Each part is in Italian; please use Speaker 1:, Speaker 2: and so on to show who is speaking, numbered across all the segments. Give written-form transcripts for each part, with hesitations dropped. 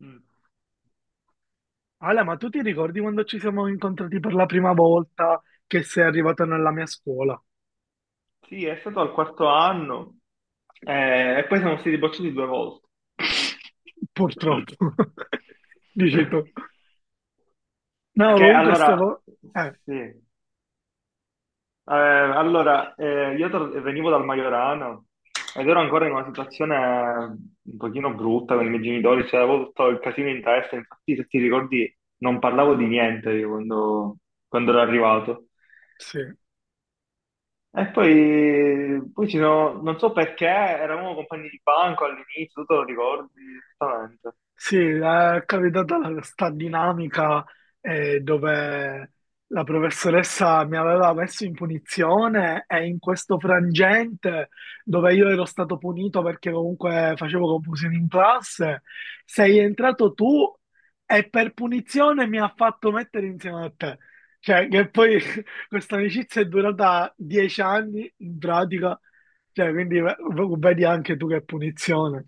Speaker 1: Mm.
Speaker 2: Ale, ma tu ti ricordi quando ci siamo incontrati per la prima volta che sei arrivato nella mia scuola?
Speaker 1: Sì, è stato al quarto anno, e poi siamo stati bocciati 2 volte.
Speaker 2: Purtroppo, dici tu. No,
Speaker 1: Perché
Speaker 2: comunque
Speaker 1: allora,
Speaker 2: stavo... Eh,
Speaker 1: sì. Allora, io venivo dal Maiorano ed ero ancora in una situazione un pochino brutta con i miei genitori, cioè avevo tutto il casino in testa. Infatti, se ti ricordi, non parlavo di niente io quando ero arrivato.
Speaker 2: sì.
Speaker 1: E poi ci sono, non so perché, eravamo compagni di banco all'inizio, tu te lo ricordi esattamente.
Speaker 2: Sì, è capitata sta dinamica dove la professoressa mi aveva messo in punizione e in questo frangente dove io ero stato punito perché comunque facevo confusione in classe, sei entrato tu e per punizione mi ha fatto mettere insieme a te. Cioè, che poi questa amicizia è durata dieci anni in pratica, cioè, quindi vedi anche tu che punizione,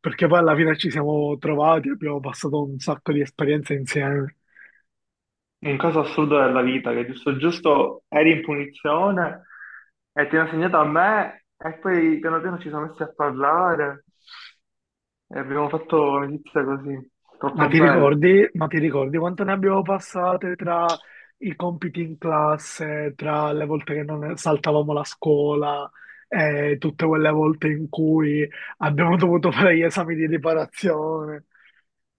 Speaker 2: perché poi alla fine ci siamo trovati, abbiamo passato un sacco di esperienze insieme.
Speaker 1: Un caso assurdo della vita, che giusto giusto eri in punizione e ti hanno segnato a me, e poi piano piano ci siamo messi a parlare e abbiamo fatto amicizia così, troppo bello.
Speaker 2: Ma ti ricordi quanto ne abbiamo passate tra i compiti in classe, tra le volte che non saltavamo la scuola, e tutte quelle volte in cui abbiamo dovuto fare gli esami di riparazione?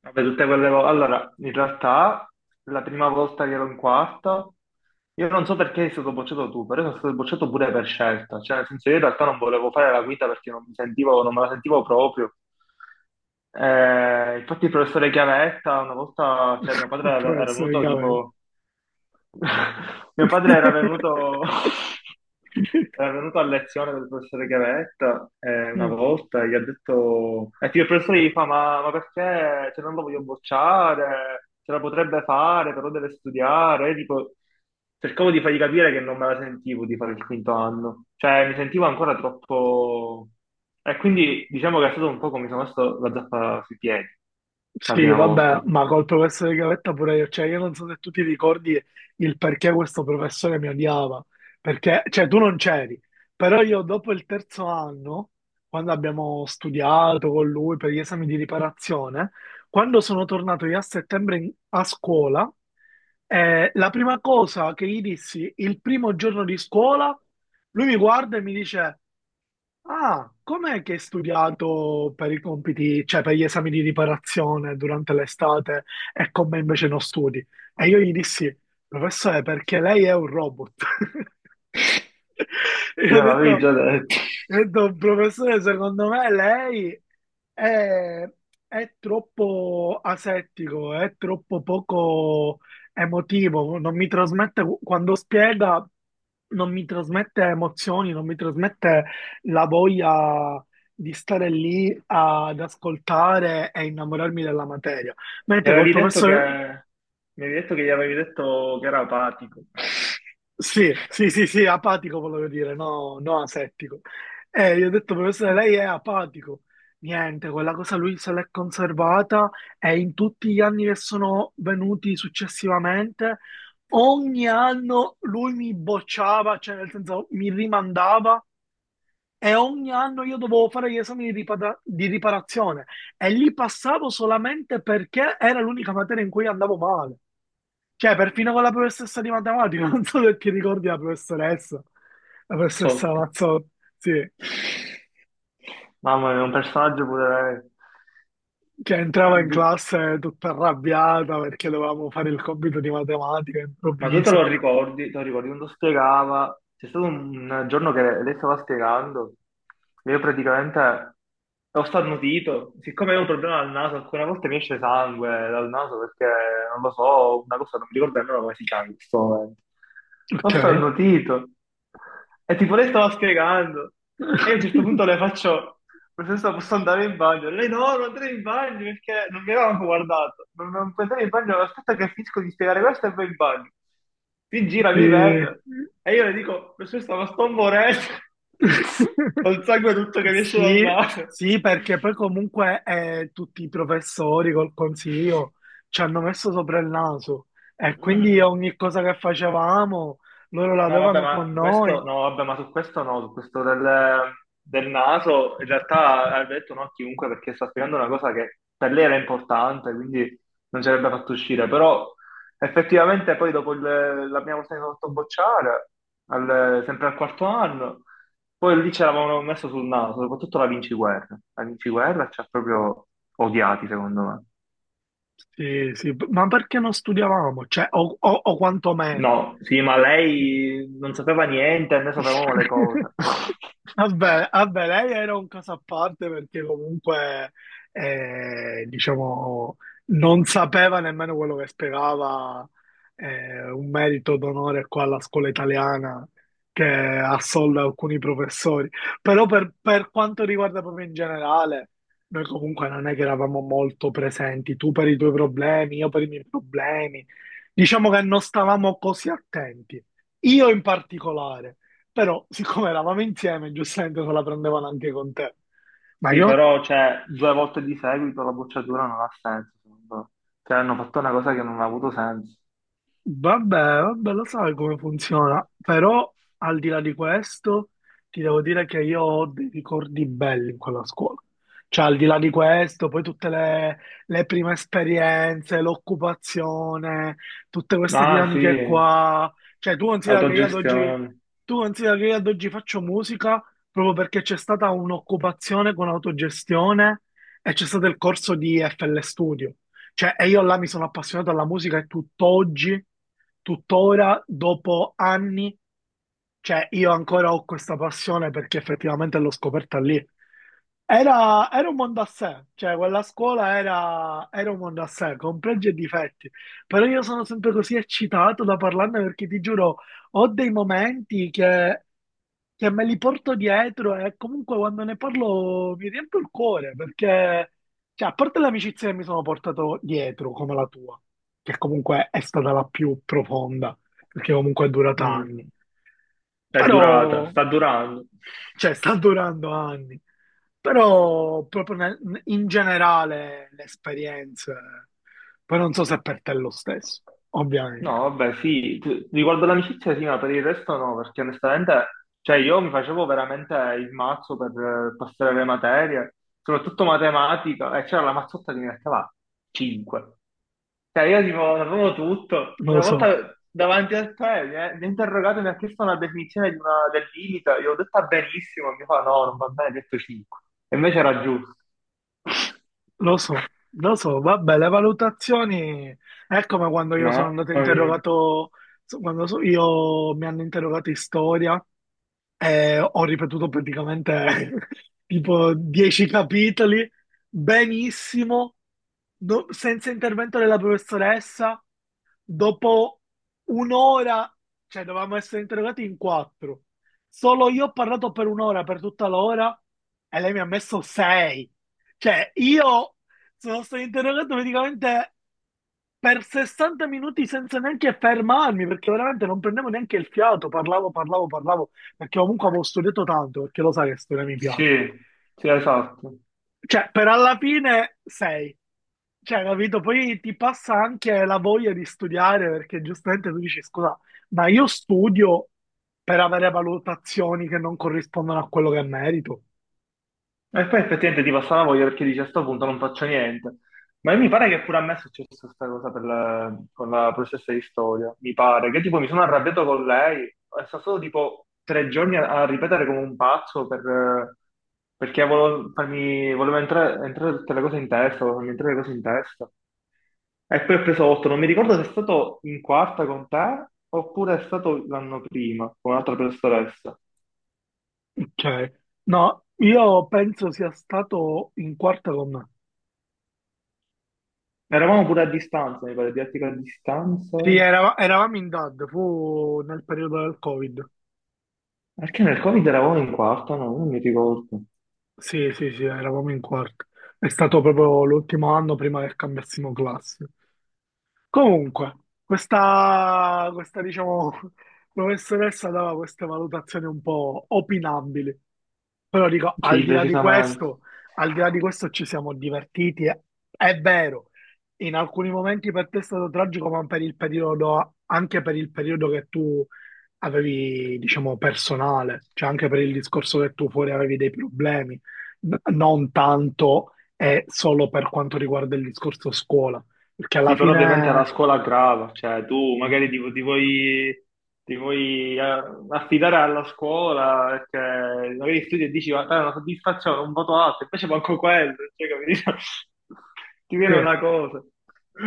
Speaker 1: Vabbè, tutte quelle volte. Allora, in realtà, la prima volta che ero in quarta, io non so perché sei stato bocciato tu, però sono stato bocciato pure per scelta. Cioè, nel senso, io in realtà non volevo fare la guida perché non mi sentivo, non me la sentivo proprio. Infatti, il professore Chiavetta, una volta, cioè, mio padre
Speaker 2: Il
Speaker 1: era
Speaker 2: professore
Speaker 1: venuto
Speaker 2: Cavell.
Speaker 1: tipo. Mio padre era venuto. Era venuto a lezione del professore Gavetta, una volta, e gli ha detto, e il professore gli fa, ma perché, cioè, non lo voglio bocciare, ce la potrebbe fare, però deve studiare. E tipo, cercavo di fargli capire che non me la sentivo di fare il quinto anno, cioè mi sentivo ancora troppo. E quindi diciamo che è stato un po' come mi sono messo la zappa sui piedi la
Speaker 2: Sì,
Speaker 1: prima volta.
Speaker 2: vabbè, ma col professore Gavetta pure io, cioè io non so se tu ti ricordi il perché questo professore mi odiava, perché, cioè tu non c'eri, però io dopo il terzo anno, quando abbiamo studiato con lui per gli esami di riparazione, quando sono tornato io a settembre a scuola, la prima cosa che gli dissi il primo giorno di scuola, lui mi guarda e mi dice... Ah, com'è che hai studiato per i compiti, cioè per gli esami di riparazione durante l'estate e con me invece non studi? E io gli dissi, professore, perché lei è un robot. Io
Speaker 1: Io l'avevi
Speaker 2: ho
Speaker 1: già detto.
Speaker 2: detto, professore, secondo me lei è, è troppo asettico, è troppo poco emotivo, non mi trasmette, quando spiega, non mi trasmette emozioni, non mi trasmette la voglia di stare lì ad ascoltare e innamorarmi della materia.
Speaker 1: Mi
Speaker 2: Mentre col
Speaker 1: avevi detto che,
Speaker 2: professore...
Speaker 1: mi avevi detto che gli avevi detto che era apatico.
Speaker 2: Sì, sì, sì, sì, apatico volevo dire, no, no asettico. E gli ho detto, professore,
Speaker 1: Una
Speaker 2: lei è apatico. Niente, quella cosa lui se l'è conservata e in tutti gli anni che sono venuti successivamente, ogni anno lui mi bocciava, cioè nel senso mi rimandava, e ogni anno io dovevo fare gli esami di, di riparazione, e li passavo solamente perché era l'unica materia in cui andavo male. Cioè, perfino con la professoressa di matematica, non so se ti ricordi la professoressa
Speaker 1: mazzotta.
Speaker 2: Mazzotti, sì,
Speaker 1: Mamma mia, un personaggio pure lei.
Speaker 2: che entrava in
Speaker 1: Di-
Speaker 2: classe tutta arrabbiata perché dovevamo fare il compito di matematica
Speaker 1: Ma tu
Speaker 2: improvviso.
Speaker 1: te lo ricordi quando spiegava? C'è stato un giorno che lei stava spiegando, io praticamente ho starnutito, siccome avevo un problema al naso, alcune volte mi esce sangue dal naso perché, non lo so, una cosa, non mi ricordo nemmeno come si chiama in questo momento. Ho
Speaker 2: Ok.
Speaker 1: starnutito e tipo lei stava spiegando, e io a un certo punto le faccio: professoressa, posso andare in bagno? Lei, no, non andare in bagno perché non mi avevano guardato. Non puoi andare in bagno, aspetta che finisco di spiegare questo e poi in bagno. Si gira, mi
Speaker 2: Sì.
Speaker 1: vede, e io le dico: professoressa, ma sto morendo. Col sangue tutto che mi esce dal
Speaker 2: Sì,
Speaker 1: naso.
Speaker 2: sì, perché poi comunque tutti i professori col consiglio ci hanno messo sopra il naso, e quindi ogni cosa che facevamo loro la
Speaker 1: No, vabbè,
Speaker 2: avevano
Speaker 1: ma
Speaker 2: con noi.
Speaker 1: questo no, vabbè, ma su questo no, su questo del naso, in realtà ha detto no a chiunque perché sta spiegando una cosa che per lei era importante, quindi non ci avrebbe fatto uscire. Però effettivamente, poi, dopo la prima volta che sono fatto bocciare, sempre al quarto anno, poi lì ce l'avevano messo sul naso, soprattutto la Vinci Guerra. La Vinci Guerra ci ha proprio odiati, secondo me.
Speaker 2: Sì, sì, ma perché non studiavamo? Cioè, o quantomeno.
Speaker 1: No, sì, ma lei non sapeva niente, e noi sapevamo le cose.
Speaker 2: Vabbè, vabbè, lei era un caso a parte perché comunque, diciamo, non sapeva nemmeno quello che spiegava, un merito d'onore qua alla scuola italiana che assolda alcuni professori. Però per quanto riguarda proprio in generale, noi comunque non è che eravamo molto presenti, tu per i tuoi problemi, io per i miei problemi. Diciamo che non stavamo così attenti. Io in particolare. Però, siccome eravamo insieme, giustamente se la prendevano anche con te. Ma
Speaker 1: Sì,
Speaker 2: io
Speaker 1: però cioè, 2 volte di seguito la bocciatura non ha senso, secondo me. Cioè, hanno fatto una cosa che non ha avuto senso.
Speaker 2: vabbè, vabbè, lo sai come funziona, però al di là di questo ti devo dire che io ho dei ricordi belli in quella scuola. Cioè, al di là di questo, poi tutte le prime esperienze, l'occupazione, tutte queste
Speaker 1: Ah,
Speaker 2: dinamiche
Speaker 1: sì,
Speaker 2: qua. Cioè, tu considera che io ad oggi,
Speaker 1: autogestione.
Speaker 2: tu considera che io ad oggi faccio musica proprio perché c'è stata un'occupazione con autogestione e c'è stato il corso di FL Studio. Cioè, e io là mi sono appassionato alla musica e tutt'oggi, tuttora, dopo anni, cioè io ancora ho questa passione perché effettivamente l'ho scoperta lì. Era, era un mondo a sé, cioè quella scuola era, era un mondo a sé, con pregi e difetti, però io sono sempre così eccitato da parlarne perché ti giuro, ho dei momenti che me li porto dietro e comunque quando ne parlo mi riempio il cuore perché, cioè, a parte l'amicizia che mi sono portato dietro, come la tua, che comunque è stata la più profonda, perché comunque è durata
Speaker 1: Mm.
Speaker 2: anni,
Speaker 1: È
Speaker 2: però,
Speaker 1: durata, sta durando.
Speaker 2: cioè, sta durando anni, però proprio in generale le esperienze, poi non so se per te è lo stesso, ovviamente,
Speaker 1: No, vabbè, sì, riguardo l'amicizia sì, ma per il resto no, perché onestamente, cioè io mi facevo veramente il mazzo per passare le materie, soprattutto matematica, e c'era la mazzotta che mi metteva 5. Cioè, io tipo sapevo tutto.
Speaker 2: non lo
Speaker 1: Una volta,
Speaker 2: so.
Speaker 1: davanti a te, mi ha interrogato e mi ha chiesto una definizione di del limite. Io ho detto: ah, benissimo. Mi fa: no, non va bene, ho detto 5. E invece era giusto.
Speaker 2: Lo so, lo so, vabbè, le valutazioni è come quando io sono
Speaker 1: Mamma
Speaker 2: andato
Speaker 1: mia.
Speaker 2: interrogato, io mi hanno interrogato in storia, ho ripetuto praticamente tipo 10 capitoli, benissimo, senza intervento della professoressa. Dopo un'ora, cioè dovevamo essere interrogati in quattro. Solo io ho parlato per un'ora, per tutta l'ora, e lei mi ha messo sei. Cioè, io sono stato interrogato praticamente per 60 minuti senza neanche fermarmi, perché veramente non prendevo neanche il fiato, parlavo, parlavo, parlavo, perché comunque avevo studiato tanto, perché lo sai che storia mi piace.
Speaker 1: Sì, sì, esatto.
Speaker 2: Cioè, per alla fine sei. Cioè, capito? Poi ti passa anche la voglia di studiare, perché giustamente tu dici, scusa, ma io studio per avere valutazioni che non corrispondono a quello che merito.
Speaker 1: E poi effettivamente ti passa la voglia, perché dici: a sto punto non faccio niente. Ma mi pare che pure a me è successa questa cosa per con la professoressa di storia. Mi pare che tipo mi sono arrabbiato con lei, è stato solo tipo 3 giorni a ripetere come un pazzo perché volevo, farmi, volevo entrare tutte le cose in testa, volevo farmi entrare le cose in testa. E poi ho preso 8, non mi ricordo se è stato in quarta con te oppure è stato l'anno prima con un'altra professoressa.
Speaker 2: Cioè, no, io penso sia stato in quarta con me.
Speaker 1: Eravamo pure a distanza, mi pare, didattica a distanza.
Speaker 2: Sì, eravamo in DAD, fu nel periodo del Covid.
Speaker 1: Perché nel Covid eravamo in quarta, no? Non mi ricordo.
Speaker 2: Sì, sì, sì, eravamo in quarto. È stato proprio l'ultimo anno prima che cambiassimo classe. Comunque, questa, diciamo, professoressa dava queste valutazioni un po' opinabili. Però dico, al
Speaker 1: Sì,
Speaker 2: di là di
Speaker 1: decisamente.
Speaker 2: questo, al di là di questo ci siamo divertiti. È vero, in alcuni momenti per te è stato tragico, ma per il periodo, anche per il periodo che tu avevi, diciamo, personale, cioè anche per il discorso che tu fuori avevi dei problemi, non tanto e solo per quanto riguarda il discorso scuola, perché alla
Speaker 1: Sì, però ovviamente era
Speaker 2: fine,
Speaker 1: scuola grava, cioè tu magari ti vuoi, affidare alla scuola perché magari studi e dici: guarda, è una soddisfazione, un voto alto. Invece manco quello, cioè, capito? Ti viene
Speaker 2: sì,
Speaker 1: una cosa.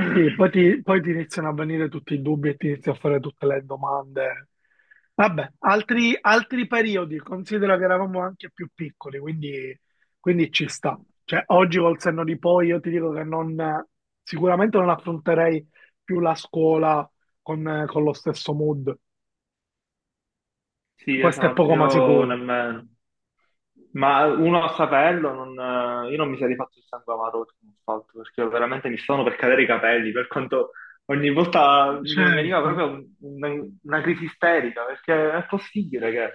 Speaker 2: sì, poi ti iniziano a venire tutti i dubbi e ti inizi a fare tutte le domande. Vabbè, altri, altri periodi, considera che eravamo anche più piccoli, quindi, quindi ci sta. Cioè, oggi col senno di poi io ti dico che non, sicuramente non affronterei più la scuola con lo stesso mood.
Speaker 1: Sì,
Speaker 2: Questo è
Speaker 1: esatto,
Speaker 2: poco ma
Speaker 1: io
Speaker 2: sicuro.
Speaker 1: nemmeno. Ma uno a saperlo, io non mi sarei fatto il sangue amaro se non fatto, perché veramente mi stavano per cadere i capelli, per quanto ogni volta mi veniva
Speaker 2: Certo.
Speaker 1: proprio una crisi isterica, perché è possibile che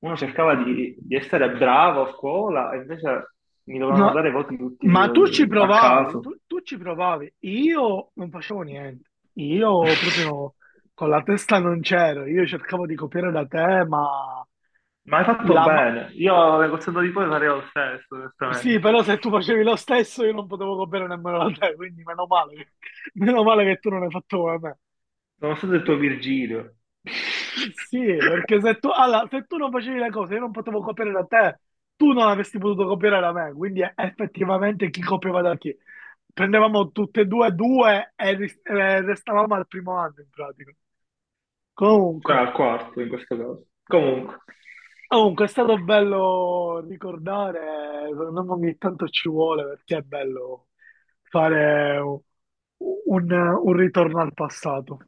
Speaker 1: uno cercava di essere bravo a scuola e invece mi dovevano
Speaker 2: Ma,
Speaker 1: dare voti tutti
Speaker 2: ma tu ci
Speaker 1: a
Speaker 2: provavi,
Speaker 1: caso.
Speaker 2: tu, tu ci provavi, io non facevo niente, io proprio con la testa non c'ero, io cercavo di copiare da te, ma
Speaker 1: Ma hai fatto
Speaker 2: la ma-
Speaker 1: bene, io alle cose di poi farei lo stesso,
Speaker 2: sì,
Speaker 1: onestamente.
Speaker 2: però se tu facevi lo stesso io non potevo copiare nemmeno da te, quindi meno male, meno male che tu non hai fatto come me.
Speaker 1: Nonostante il tuo Virgilio,
Speaker 2: Sì, sì, perché se tu, allora, se tu non facevi le cose, io non potevo copiare da te, tu non avresti potuto copiare da me, quindi effettivamente chi copiava da chi? Prendevamo tutte e due due e restavamo al primo anno in pratica. Comunque,
Speaker 1: cioè al quarto in questo caso. Comunque,
Speaker 2: comunque è stato bello ricordare, secondo me ogni tanto ci vuole perché è bello fare un, un ritorno al passato.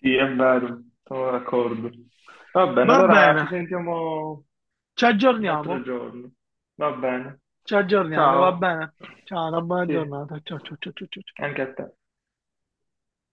Speaker 1: sì, è vero, sono d'accordo. Va bene,
Speaker 2: Va
Speaker 1: allora
Speaker 2: bene,
Speaker 1: ci sentiamo
Speaker 2: ci
Speaker 1: un altro
Speaker 2: aggiorniamo.
Speaker 1: giorno. Va bene.
Speaker 2: Ci aggiorniamo, va
Speaker 1: Ciao.
Speaker 2: bene? Ciao, una buona
Speaker 1: Sì,
Speaker 2: giornata. Ciao, ciao, ciao, ciao, ciao, ciao.
Speaker 1: anche a te.